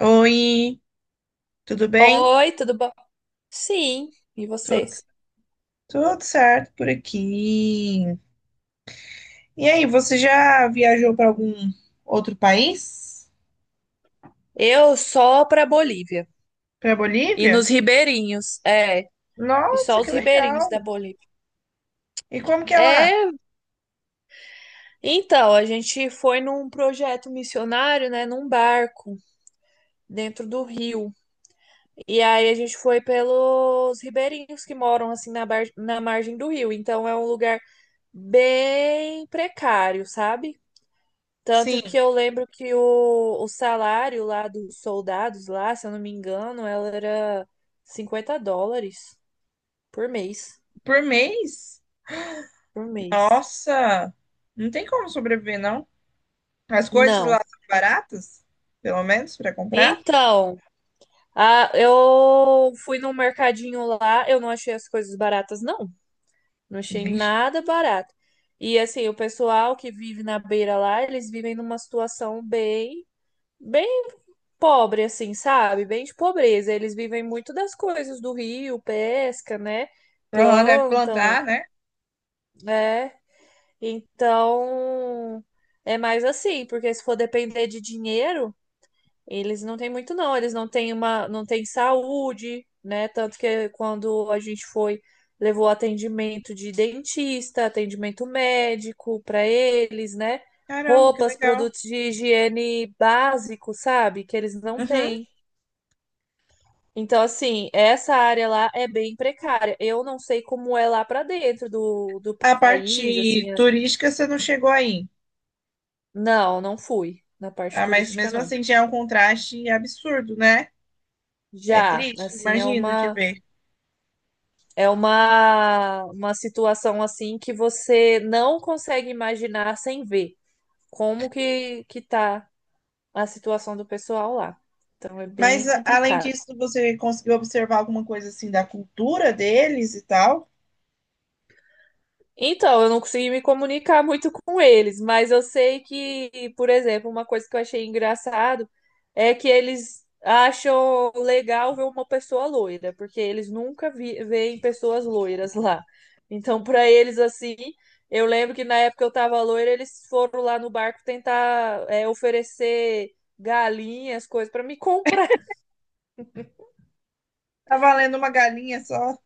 Oi, tudo bem? Oi, tudo bom? Sim, e Tudo, você? tudo certo por aqui. E aí, você já viajou para algum outro país? Eu só pra Bolívia. Para E Bolívia? nos ribeirinhos, é. E Nossa, só que os ribeirinhos legal! da Bolívia. E como que é lá? É, então, a gente foi num projeto missionário, né, num barco dentro do rio. E aí a gente foi pelos ribeirinhos que moram assim na, na margem do rio. Então é um lugar bem precário, sabe? Tanto Sim, que eu lembro que o salário lá dos soldados lá, se eu não me engano, ela era 50 dólares por mês. por mês? Por mês. Nossa, não tem como sobreviver, não. As coisas lá Não. são baratas, pelo menos para comprar. Então, a, eu fui num mercadinho lá, eu não achei as coisas baratas, não. Não achei Vixe, nada barato. E assim, o pessoal que vive na beira lá, eles vivem numa situação bem, bem pobre, assim, sabe? Bem de pobreza. Eles vivem muito das coisas do rio, pesca, né? lá deve Plantam, plantar, né? né? Então, é mais assim, porque se for depender de dinheiro, eles não têm muito, não. Eles não têm uma, não têm saúde, né? Tanto que quando a gente foi, levou atendimento de dentista, atendimento médico para eles, né? Caramba, que Roupas, legal. produtos de higiene básico, sabe? Que eles não Uhum. têm. Então, assim, essa área lá é bem precária. Eu não sei como é lá pra dentro do A país, parte assim. É- turística você não chegou aí. Não, não fui na parte Ah, mas turística, mesmo não. assim já é um contraste absurdo, né? É Já, triste, assim, imagino de ver. é uma situação assim que você não consegue imaginar sem ver como que tá a situação do pessoal lá. Então, é bem Além complicado. disso, você conseguiu observar alguma coisa assim da cultura deles e tal? Então, eu não consegui me comunicar muito com eles, mas eu sei que, por exemplo, uma coisa que eu achei engraçado é que eles acham legal ver uma pessoa loira, porque eles nunca vi- veem pessoas loiras lá. Então, para eles, assim, eu lembro que na época eu tava loira, eles foram lá no barco tentar, é, oferecer galinhas, coisas para me comprar. Tá valendo uma galinha só?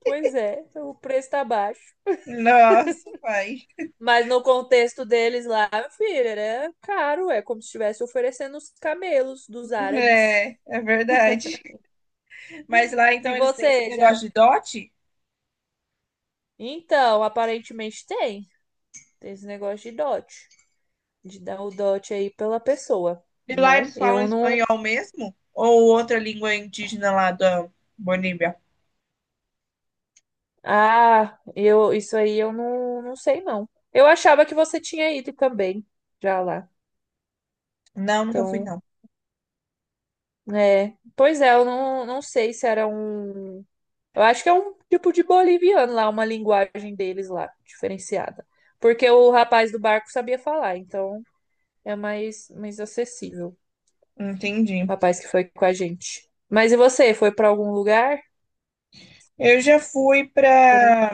Pois é, então o preço tá baixo. Nossa, pai. Mas no contexto deles lá, meu filho, era caro, é como se estivesse oferecendo os camelos dos árabes. É, é verdade. Mas lá E então eles têm esse você negócio já. de dote? Então, aparentemente tem. Tem esse negócio de dote. De dar o dote aí pela pessoa, E lá né? eles falam Eu não. espanhol mesmo? Ou outra língua indígena lá da Bolívia? Ah, eu isso aí eu não, não sei, não. Eu achava que você tinha ido também já lá. Não, nunca fui, Então, não. é. Pois é, eu não, não sei se era um. Eu acho que é um tipo de boliviano lá, uma linguagem deles lá, diferenciada. Porque o rapaz do barco sabia falar, então é mais, mais acessível. O Entendi. rapaz que foi com a gente. Mas e você? Foi pra algum lugar Eu já fui diferente? pra.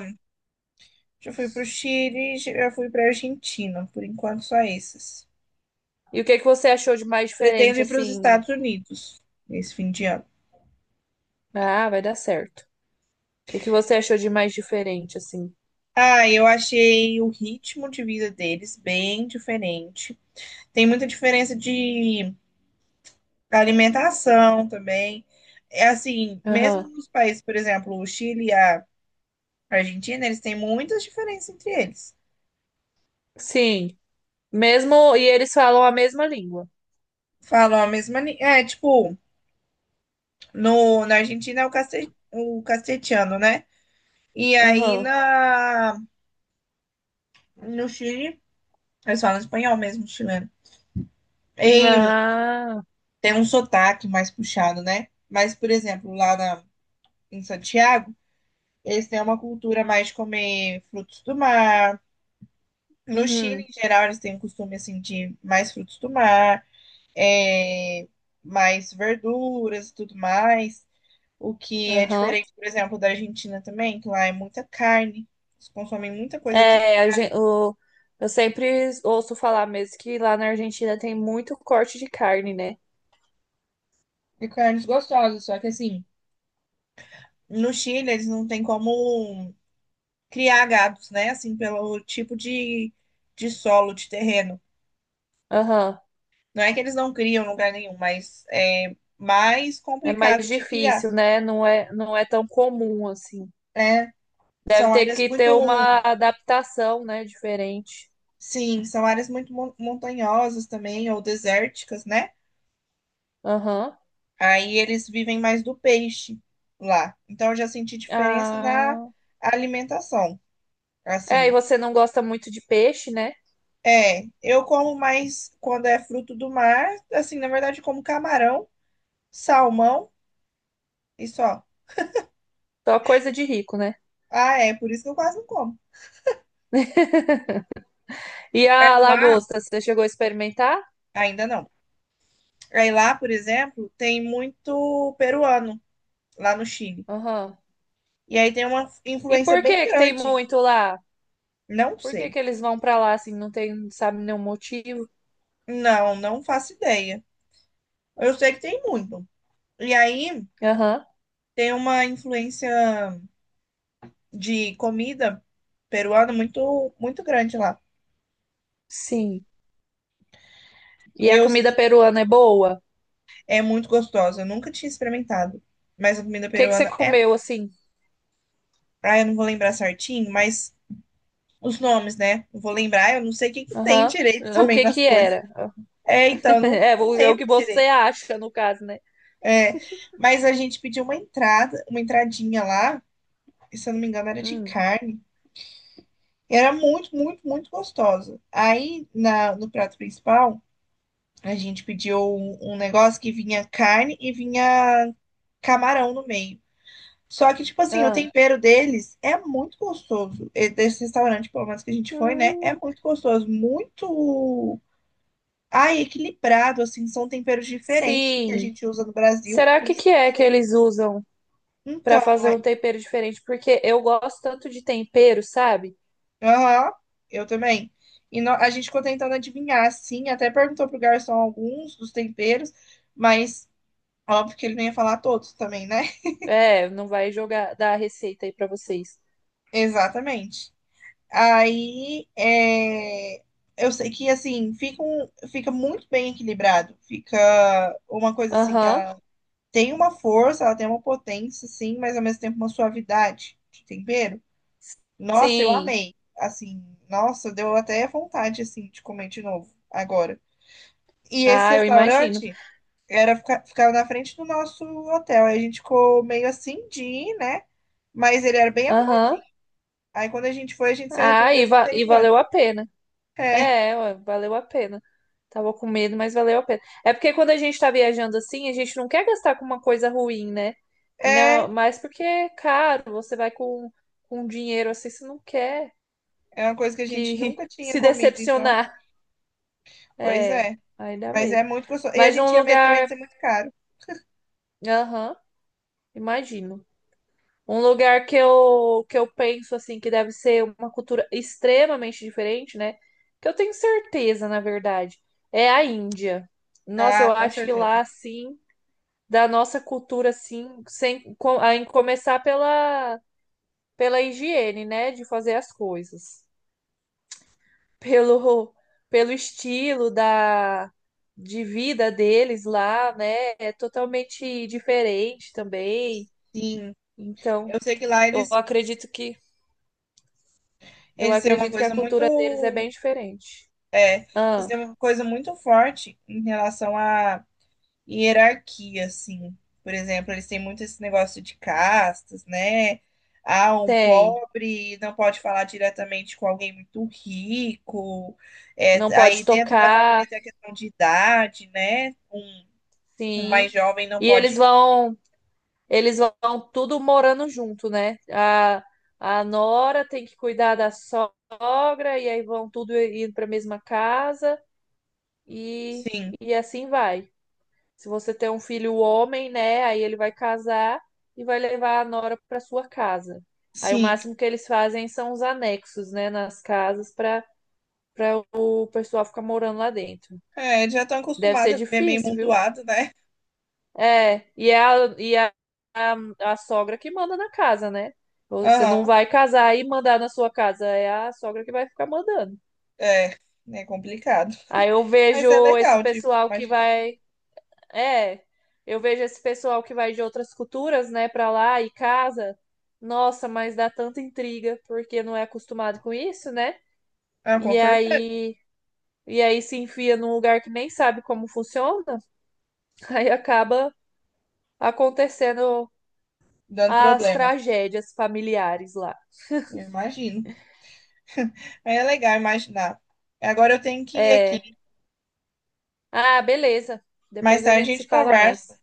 Já fui para o Chile, já fui para a Argentina. Por enquanto, só esses. E o que que você achou de mais Pretendo diferente, ir para os assim? Estados Unidos nesse fim de ano. Ah, vai dar certo. O que que você achou de mais diferente, assim? Ah, eu achei o ritmo de vida deles bem diferente. Tem muita diferença de alimentação também. É assim, mesmo Aham. nos países, por exemplo, o Chile e a Argentina, eles têm muitas diferenças entre eles. Sim. Mesmo. E eles falam a mesma língua. Falam a mesma. É, tipo, no, na Argentina é o o castelhano, né? E aí Aham. na, No Chile, eles falam espanhol mesmo, chileno. Em- Ah. Tem um sotaque mais puxado, né? Mas, por exemplo, em Santiago, eles têm uma cultura mais de comer frutos do mar. No Chile, Uhum. em geral, eles têm um costume assim de mais frutos do mar, é, mais verduras e tudo mais. O que é Aham. diferente, por exemplo, da Argentina também, que lá é muita carne. Eles consomem muita coisa É, eu sempre ouço falar mesmo que lá na Argentina tem muito corte de carne, né? de carnes gostosas. Só que assim, no Chile, eles não têm como criar gados, né? Assim, pelo tipo de solo, de terreno. Aham. Não é que eles não criam em lugar nenhum, mas é mais É mais complicado de criar. difícil, né? Não é, não é tão comum assim. É, Deve são ter áreas que muito, ter uma adaptação, né? Diferente. sim, são áreas muito montanhosas também, ou desérticas, né? Aham. Aí eles vivem mais do peixe lá. Então eu já senti diferença na Ah. alimentação, É, e assim. você não gosta muito de peixe, né? É, eu como mais quando é fruto do mar, assim, na verdade como camarão, salmão e só. Só coisa de rico, né? Ah, é, por isso que eu quase não como. E Aí a lá, lagosta, você chegou a experimentar? ainda não. Aí lá, por exemplo, tem muito peruano lá no Chile. Aham. E aí tem uma E influência por que bem que tem grande. muito lá? Não Por que sei. que eles vão pra lá assim? Não tem, sabe, nenhum motivo? Não, não faço ideia. Eu sei que tem muito. E aí Aham. tem uma influência de comida peruana muito, muito grande lá. Sim. E a Eu, comida peruana é boa? O é muito gostosa. Eu nunca tinha experimentado. Mas a comida que que você peruana é. comeu assim? Ah, eu não vou lembrar certinho, mas os nomes, né? Não vou lembrar, eu não sei o que, que tem Aham. direito O também que nas que coisas. era? É, então, eu não, É, não o é o lembro que você direito. acha, no caso, né? É, mas a gente pediu uma entrada, uma entradinha lá, e se eu não me engano, era de Hum. carne. E era muito, muito, muito gostosa. Aí, no prato principal, a gente pediu um negócio que vinha carne e vinha camarão no meio. Só que, tipo assim, o Ah. tempero deles é muito gostoso. E desse restaurante, pelo menos que a gente foi, né? É Hum. muito gostoso, muito. Ah, e equilibrado, assim, são temperos diferentes do que a Sim. gente usa no Brasil, Será por isso que que eu não é que sei. eles usam para Então, fazer aí- um tempero diferente? Porque eu gosto tanto de tempero, sabe? aham, eu também. A gente ficou tentando adivinhar, assim, até perguntou pro garçom alguns dos temperos, mas óbvio que ele não ia falar todos também, né? É, não vai jogar dar a receita aí para vocês. Exatamente. Aí, é, eu sei que, assim, fica muito bem equilibrado, fica uma coisa, assim, que Aham. ela tem uma força, ela tem uma potência, assim, mas ao mesmo tempo uma suavidade de tempero. Nossa, eu Sim. amei. Assim, nossa, deu até vontade assim de comer de novo agora. E esse Ah, eu imagino. restaurante ficava na frente do nosso hotel. Aí a gente ficou meio assim de ir, né? Mas ele era bem Aham. arrumadinho. Aí quando a gente foi, a gente se Ah, arrependeu de ter e ido valeu antes. a pena. É, É, ué, valeu a pena. Tava com medo, mas valeu a pena. É porque quando a gente tá viajando assim, a gente não quer gastar com uma coisa ruim, né? E não, é, mas porque é caro, você vai com dinheiro assim, você não quer é uma coisa que a gente que nunca tinha se comido, então. decepcionar. Pois É, é. aí dá Mas medo. é muito gostoso. E a Mas gente um tinha medo também lugar. de ser muito caro. Aham, imagino. Um lugar que eu penso assim que deve ser uma cultura extremamente diferente, né? Que eu tenho certeza, na verdade, é a Índia. Nossa, eu Ah, com acho que certeza. lá assim, da nossa cultura assim, sem com- a em começar pela pela higiene, né, de fazer as coisas, pelo pelo estilo da de vida deles lá, né? É totalmente diferente também. Sim. Então, Eu sei que lá eu eles, acredito que. Eu eles têm uma acredito que a coisa cultura deles é bem muito. diferente. Isso Ah, é uma coisa muito forte em relação à hierarquia, assim. Por exemplo, eles têm muito esse negócio de castas, né? Ah, um tem. pobre não pode falar diretamente com alguém muito rico. Não É, pode aí dentro da tocar, família tem a questão de idade, né? Um mais sim. jovem não E pode. Eles vão tudo morando junto, né? A nora tem que cuidar da sogra e aí vão tudo indo para a mesma casa e, Sim, e assim vai. Se você tem um filho homem, né? Aí ele vai casar e vai levar a nora para sua casa. Aí o sim. máximo que eles fazem são os anexos, né, nas casas para para o pessoal ficar morando lá dentro. É, já estão Deve acostumados ser a viver meio difícil, viu? montuado, né? É, e é a, e a, a, a sogra que manda na casa, né? Você não Aham, vai casar e mandar na sua casa, é a sogra que vai ficar mandando. é. É complicado. Aí eu Mas é vejo esse legal, tipo, pessoal que imaginar. vai, é, eu vejo esse pessoal que vai de outras culturas, né, para lá e casa. Nossa, mas dá tanta intriga porque não é acostumado com isso, né? Ah, com E certeza. aí, e aí se enfia num lugar que nem sabe como funciona, aí acaba acontecendo Dando as problema. tragédias familiares lá. Eu imagino. É legal imaginar. Agora eu tenho que ir É. aqui. Ah, beleza. Mais Depois a tarde gente a se gente fala conversa. mais.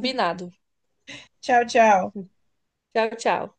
Tchau, tchau. Tchau, tchau.